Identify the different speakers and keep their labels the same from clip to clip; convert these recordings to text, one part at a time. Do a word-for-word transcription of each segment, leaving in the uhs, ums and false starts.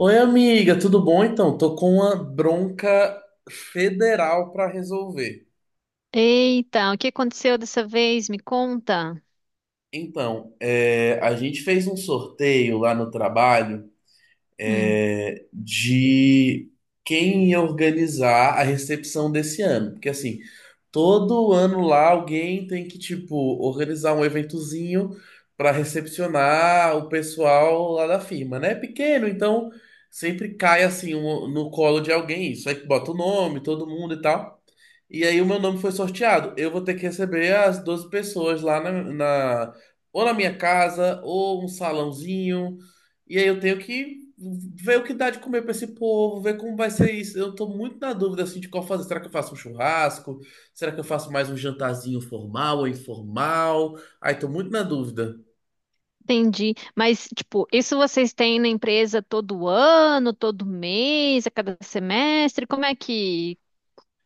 Speaker 1: Oi, amiga, tudo bom? Então, tô com uma bronca federal para resolver.
Speaker 2: Eita, o que aconteceu dessa vez? Me conta.
Speaker 1: Então, é, a gente fez um sorteio lá no trabalho,
Speaker 2: Hum,
Speaker 1: é, de quem ia organizar a recepção desse ano. Porque, assim, todo ano lá alguém tem que, tipo, organizar um eventozinho para recepcionar o pessoal lá da firma, né? É pequeno, então sempre cai, assim, um- no colo de alguém isso. Aí que bota o nome, todo mundo e tal. E aí o meu nome foi sorteado. Eu vou ter que receber as doze pessoas lá na, na- ou na minha casa, ou um salãozinho, e aí eu tenho que ver o que dá de comer para esse povo, ver como vai ser isso. Eu tô muito na dúvida assim de qual fazer. Será que eu faço um churrasco? Será que eu faço mais um jantarzinho formal ou informal? Aí tô muito na dúvida.
Speaker 2: entendi. Mas, tipo, isso vocês têm na empresa todo ano, todo mês, a cada semestre? Como é que,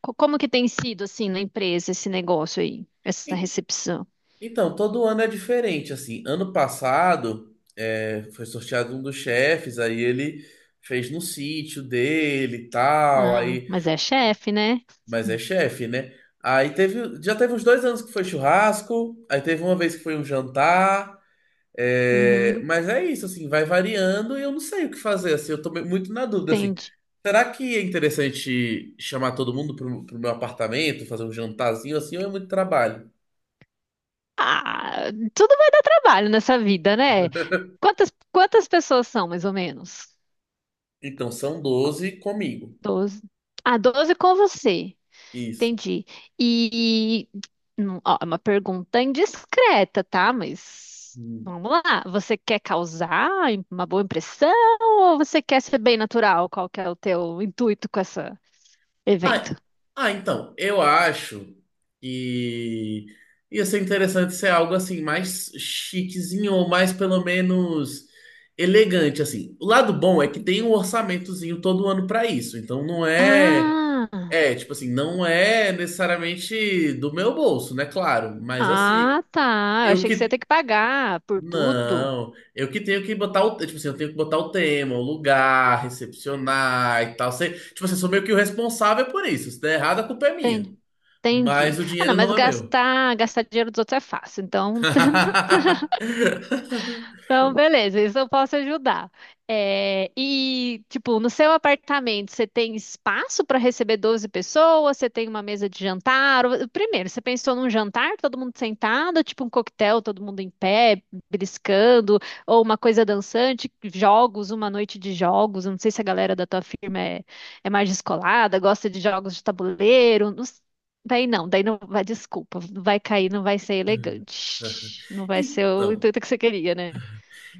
Speaker 2: co- como que tem sido, assim, na empresa esse negócio aí, essa
Speaker 1: E-
Speaker 2: recepção?
Speaker 1: Então, todo ano é diferente, assim. Ano passado, é, foi sorteado um dos chefes, aí ele fez no sítio dele e tal,
Speaker 2: Ah,
Speaker 1: aí,
Speaker 2: mas é chefe, né?
Speaker 1: mas é chefe, né? Aí teve, já teve uns dois anos que foi churrasco, aí teve uma vez que foi um jantar. É,
Speaker 2: Uhum,
Speaker 1: mas é isso, assim, vai variando e eu não sei o que fazer, assim, eu tô me- muito na dúvida, assim.
Speaker 2: entendi.
Speaker 1: Será que é interessante chamar todo mundo pro, pro meu apartamento, fazer um jantarzinho, assim, ou é muito trabalho?
Speaker 2: Ah, tudo vai dar trabalho nessa vida, né? Quantas, quantas pessoas são, mais ou menos?
Speaker 1: Então, são doze comigo.
Speaker 2: Doze. Ah, doze com você.
Speaker 1: Isso.
Speaker 2: Entendi. E, hum, ó, é uma pergunta indiscreta, tá? Mas
Speaker 1: Hum.
Speaker 2: vamos lá. Você quer causar uma boa impressão ou você quer ser bem natural? Qual que é o teu intuito com esse
Speaker 1: Ah,
Speaker 2: evento?
Speaker 1: ah, então, eu acho que ia ser interessante ser algo, assim, mais chiquezinho, ou mais, pelo menos, elegante, assim. O lado bom é que
Speaker 2: Uhum.
Speaker 1: tem um orçamentozinho todo ano para isso, então não é.
Speaker 2: Ah,
Speaker 1: É, tipo assim, não é necessariamente do meu bolso, né? Claro, mas assim,
Speaker 2: ah, tá. Eu
Speaker 1: eu
Speaker 2: achei que você ia
Speaker 1: que.
Speaker 2: ter que pagar por tudo.
Speaker 1: Não, eu que tenho que botar o. Tipo assim, eu tenho que botar o tema, o lugar, recepcionar e tal. Sei, tipo assim, eu sou meio que o responsável por isso. Se der errado, a culpa é minha.
Speaker 2: Entendi.
Speaker 1: Mas
Speaker 2: Entendi.
Speaker 1: o
Speaker 2: Ah, não,
Speaker 1: dinheiro
Speaker 2: mas
Speaker 1: não é meu.
Speaker 2: gastar, gastar dinheiro dos outros é fácil. Então, Então, beleza, isso eu posso ajudar. É, e, tipo, no seu apartamento, você tem espaço para receber doze pessoas? Você tem uma mesa de jantar? Ou- primeiro, você pensou num jantar, todo mundo sentado, tipo um coquetel, todo mundo em pé, beliscando, ou uma coisa dançante, jogos, uma noite de jogos. Eu não sei se a galera da tua firma é, é mais descolada, gosta de jogos de tabuleiro. não s- Daí não, daí não vai, desculpa, vai cair, não vai ser elegante. Não vai ser o
Speaker 1: Então,
Speaker 2: intuito que você queria, né?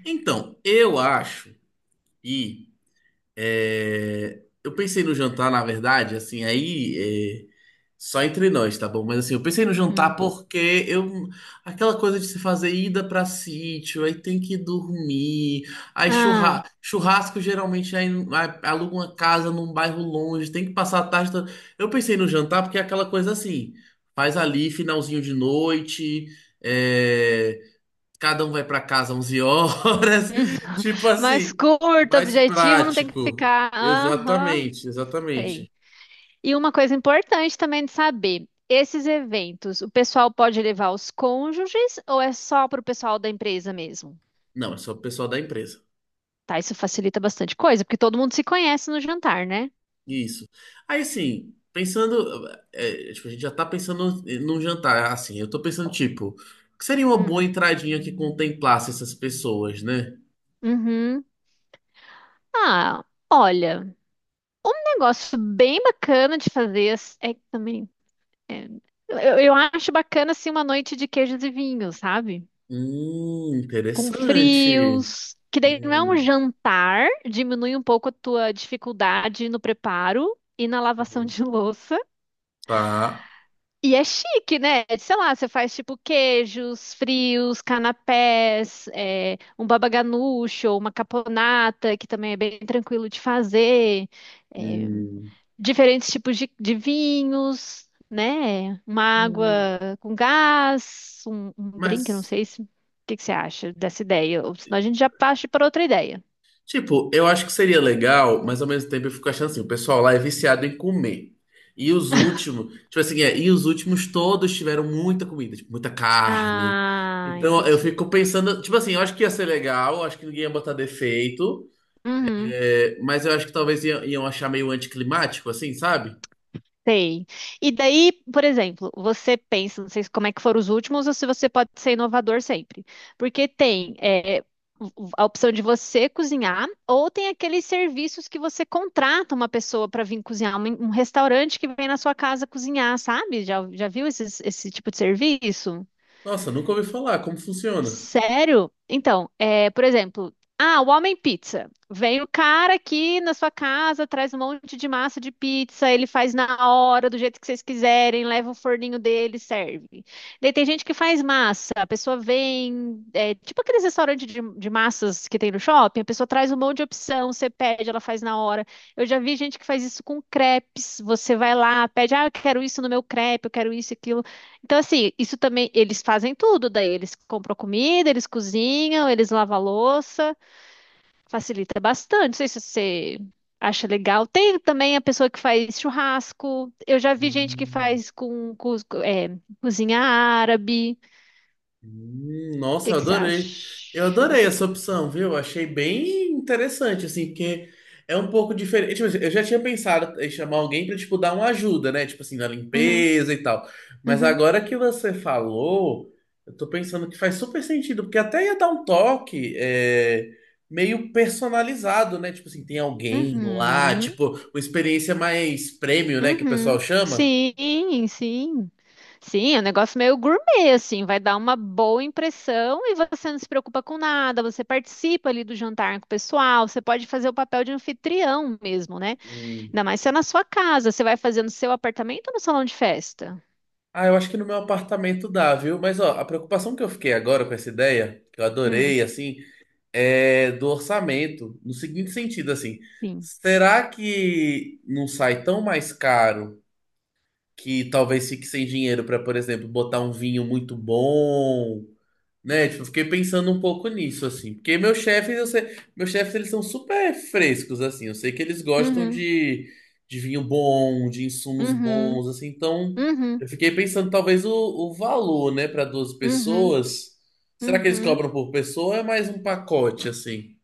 Speaker 1: então, eu acho que. É, eu pensei no jantar, na verdade, assim, aí é, só entre nós, tá bom? Mas assim, eu pensei no jantar
Speaker 2: Hum.
Speaker 1: porque eu aquela coisa de se fazer ida pra sítio, aí tem que dormir, aí
Speaker 2: Ah,
Speaker 1: churra,
Speaker 2: hum.
Speaker 1: churrasco geralmente aí, aí aluga uma casa num bairro longe, tem que passar a tarde. toda- Eu pensei no jantar porque é aquela coisa assim, faz ali finalzinho de noite, é, cada um vai para casa onze horas. Tipo
Speaker 2: Mais
Speaker 1: assim,
Speaker 2: curto,
Speaker 1: mais
Speaker 2: objetivo, não tem que
Speaker 1: prático.
Speaker 2: ficar. Aham,
Speaker 1: Exatamente,
Speaker 2: sei.
Speaker 1: exatamente.
Speaker 2: E uma coisa importante também de saber: esses eventos, o pessoal pode levar os cônjuges ou é só para o pessoal da empresa mesmo?
Speaker 1: Não, é só o pessoal da empresa.
Speaker 2: Tá, isso facilita bastante coisa, porque todo mundo se conhece no jantar, né?
Speaker 1: Isso. Aí, assim, pensando, é, tipo, a gente já tá pensando num jantar. Assim, eu tô pensando, tipo, que seria uma boa
Speaker 2: Hum.
Speaker 1: entradinha que contemplasse essas pessoas, né?
Speaker 2: Uhum. Ah, olha, um negócio bem bacana de fazer é que também. Eu, eu acho bacana assim uma noite de queijos e vinhos, sabe?
Speaker 1: Hum,
Speaker 2: Com
Speaker 1: interessante.
Speaker 2: frios, que daí não é um
Speaker 1: Hum,
Speaker 2: jantar, diminui um pouco a tua dificuldade no preparo e na lavação
Speaker 1: hum,
Speaker 2: de louça.
Speaker 1: tá.
Speaker 2: E é chique, né? Sei lá, você faz tipo queijos, frios, canapés, é, um baba ganoush ou uma caponata, que também é bem tranquilo de fazer. É,
Speaker 1: Hum,
Speaker 2: diferentes tipos de, de vinhos, né? Uma água
Speaker 1: hum,
Speaker 2: com gás, um, um drink, eu não
Speaker 1: mas.
Speaker 2: sei se. O que que você acha dessa ideia? Ou senão a gente já parte para outra ideia.
Speaker 1: Tipo, eu acho que seria legal, mas ao mesmo tempo eu fico achando assim, o pessoal lá é viciado em comer. E os últimos, tipo assim, é, e os últimos todos tiveram muita comida, tipo, muita carne.
Speaker 2: Ah,
Speaker 1: Então eu
Speaker 2: entendi.
Speaker 1: fico pensando, tipo assim, eu acho que ia ser legal, eu acho que ninguém ia botar defeito,
Speaker 2: Uhum.
Speaker 1: é, mas eu acho que talvez iam, iam achar meio anticlimático, assim, sabe?
Speaker 2: Sei. E daí, por exemplo, você pensa, não sei como é que foram os últimos ou se você pode ser inovador sempre. Porque tem é, o- a opção de você cozinhar ou tem aqueles serviços que você contrata uma pessoa para vir cozinhar, um, um restaurante que vem na sua casa cozinhar, sabe? Já, já viu esses- esse tipo de serviço?
Speaker 1: Nossa, nunca ouvi falar, como funciona?
Speaker 2: Sério? Então, é, por exemplo, ah, o Homem Pizza. Vem o cara aqui na sua casa, traz um monte de massa de pizza, ele faz na hora, do jeito que vocês quiserem, leva o forninho dele, serve. Daí tem gente que faz massa, a pessoa vem, é, tipo aqueles restaurantes de, de massas que tem no shopping, a pessoa traz um monte de opção, você pede, ela faz na hora. Eu já vi gente que faz isso com crepes, você vai lá, pede, ah, eu quero isso no meu crepe, eu quero isso e aquilo. Então, assim, isso também, eles fazem tudo, daí eles compram comida, eles cozinham, eles lavam a louça, facilita bastante. Não sei se você acha legal. Tem também a pessoa que faz churrasco. Eu já vi gente que
Speaker 1: Hum.
Speaker 2: faz com, cus- é, cozinha árabe. O
Speaker 1: Hum, nossa,
Speaker 2: que
Speaker 1: eu
Speaker 2: que você
Speaker 1: adorei. Eu
Speaker 2: acha
Speaker 1: adorei
Speaker 2: dessa
Speaker 1: essa
Speaker 2: opção?
Speaker 1: opção, viu? Achei bem interessante, assim, porque é um pouco diferente. Tipo assim, eu já tinha pensado em chamar alguém pra, tipo, dar uma ajuda, né? Tipo assim, na
Speaker 2: Uhum,
Speaker 1: limpeza e tal. Mas
Speaker 2: uhum,
Speaker 1: agora que você falou, eu tô pensando que faz super sentido, porque até ia dar um toque é, meio personalizado, né? Tipo assim, tem alguém lá,
Speaker 2: uhum.
Speaker 1: tipo, uma experiência mais premium, né? Que o pessoal
Speaker 2: Uhum.
Speaker 1: chama.
Speaker 2: Sim, sim. Sim, é um negócio meio gourmet, assim, vai dar uma boa impressão e você não se preocupa com nada, você participa ali do jantar com o pessoal, você pode fazer o papel de anfitrião mesmo, né? Ainda mais se é na sua casa, você vai fazer no seu apartamento ou no salão de festa?
Speaker 1: Ah, eu acho que no meu apartamento dá, viu? Mas ó, a preocupação que eu fiquei agora com essa ideia, que eu
Speaker 2: Hum,
Speaker 1: adorei, assim, é do orçamento, no seguinte sentido, assim,
Speaker 2: sim.
Speaker 1: será que não sai tão mais caro que talvez fique sem dinheiro para, por exemplo, botar um vinho muito bom, né, tipo, eu fiquei pensando um pouco nisso, assim. Porque meus chefes, eu sei, meus chefes, eles são super frescos, assim. Eu sei que eles gostam
Speaker 2: Uhum,
Speaker 1: de, de vinho bom, de insumos
Speaker 2: uhum,
Speaker 1: bons, assim. Então,
Speaker 2: uhum,
Speaker 1: eu fiquei pensando, talvez, o, o valor, né, para duas
Speaker 2: uhum,
Speaker 1: pessoas. Será que eles
Speaker 2: uhum.
Speaker 1: cobram por pessoa ou é mais um pacote, assim?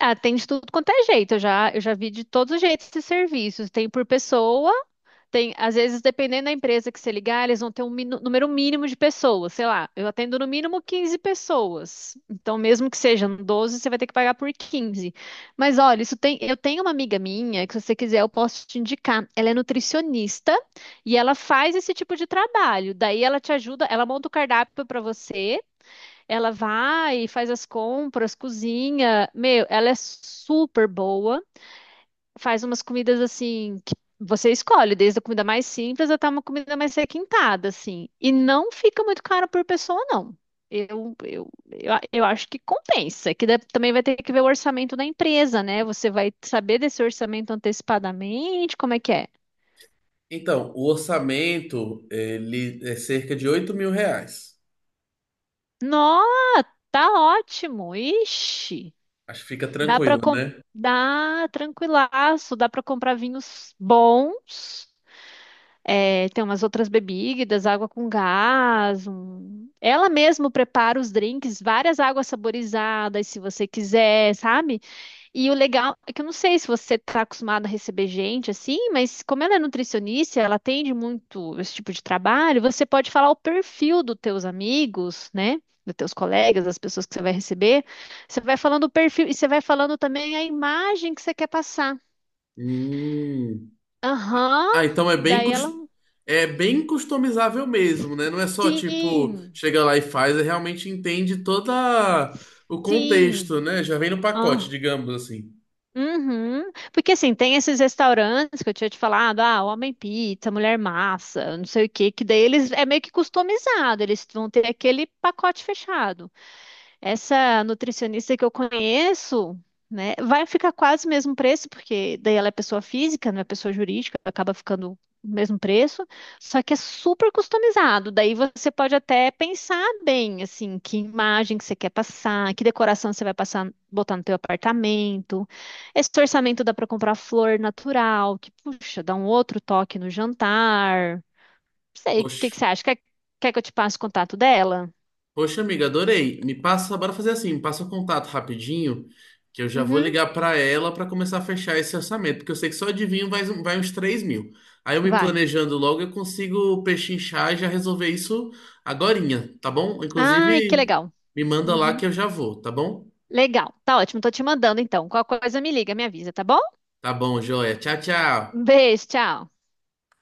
Speaker 2: Atende tudo quanto é jeito, eu já, eu já vi de todos os jeitos esses serviços, tem por pessoa. Tem, às vezes, dependendo da empresa que você ligar, eles vão ter um minu- número mínimo de pessoas. Sei lá, eu atendo no mínimo quinze pessoas. Então, mesmo que sejam doze, você vai ter que pagar por quinze. Mas olha, isso tem, eu tenho uma amiga minha que, se você quiser, eu posso te indicar. Ela é nutricionista e ela faz esse tipo de trabalho. Daí ela te ajuda, ela monta o cardápio para você, ela vai, e faz as compras, cozinha. Meu, ela é super boa, faz umas comidas assim que você escolhe, desde a comida mais simples até uma comida mais requintada, assim. E não fica muito caro por pessoa, não. Eu, eu, eu, a- eu acho que compensa. É que deve- também vai ter que ver o orçamento da empresa, né? Você vai saber desse orçamento antecipadamente, como é que é.
Speaker 1: Então, o orçamento, ele é cerca de oito mil reais.
Speaker 2: Nossa, tá ótimo. Ixi,
Speaker 1: Acho que fica
Speaker 2: dá pra
Speaker 1: tranquilo,
Speaker 2: com...
Speaker 1: né?
Speaker 2: dá tranquilaço, dá pra comprar vinhos bons. É, tem umas outras bebidas, água com gás. um- Ela mesma prepara os drinks, várias águas saborizadas, se você quiser, sabe? E o legal é que eu não sei se você está acostumado a receber gente assim, mas como ela é nutricionista, ela atende muito esse tipo de trabalho, você pode falar o perfil dos teus amigos, né? Dos teus colegas, das pessoas que você vai receber. Você vai falando o perfil e você vai falando também a imagem que você quer passar.
Speaker 1: Hum.
Speaker 2: Aham,
Speaker 1: Ah, então é bem,
Speaker 2: daí ela.
Speaker 1: cus- é bem customizável mesmo, né? Não é só tipo,
Speaker 2: Sim.
Speaker 1: chega lá e faz, é realmente entende todo o
Speaker 2: Sim.
Speaker 1: contexto, né? Já vem no pacote,
Speaker 2: Ah,
Speaker 1: digamos assim.
Speaker 2: uhum. Porque assim, tem esses restaurantes que eu tinha te falado, ah, homem pizza, mulher massa, não sei o quê, que daí eles é meio que customizado, eles vão ter aquele pacote fechado. Essa nutricionista que eu conheço, né, vai ficar quase o mesmo preço, porque daí ela é pessoa física, não é pessoa jurídica, acaba ficando o mesmo preço, só que é super customizado. Daí você pode até pensar bem, assim, que imagem que você quer passar, que decoração você vai passar, botar no teu apartamento. Esse orçamento dá para comprar flor natural, que, puxa, dá um outro toque no jantar. Não sei, o que
Speaker 1: Poxa,
Speaker 2: que você acha? Quer, quer que eu te passe o contato dela?
Speaker 1: poxa, amiga, adorei. Me passa, bora fazer assim, me passa o contato rapidinho, que eu já vou
Speaker 2: Uhum,
Speaker 1: ligar pra ela pra começar a fechar esse orçamento, porque eu sei que só adivinho vai, vai uns três mil. Aí eu me
Speaker 2: vai.
Speaker 1: planejando logo, eu consigo pechinchar e já resolver isso agorinha, tá bom?
Speaker 2: Ai, que
Speaker 1: Inclusive,
Speaker 2: legal.
Speaker 1: me manda lá
Speaker 2: Uhum.
Speaker 1: que eu já vou, tá bom?
Speaker 2: Legal, tá ótimo. Tô te mandando então. Qualquer coisa me liga, me avisa, tá bom?
Speaker 1: Tá bom, joia. Tchau, tchau.
Speaker 2: Um beijo, tchau.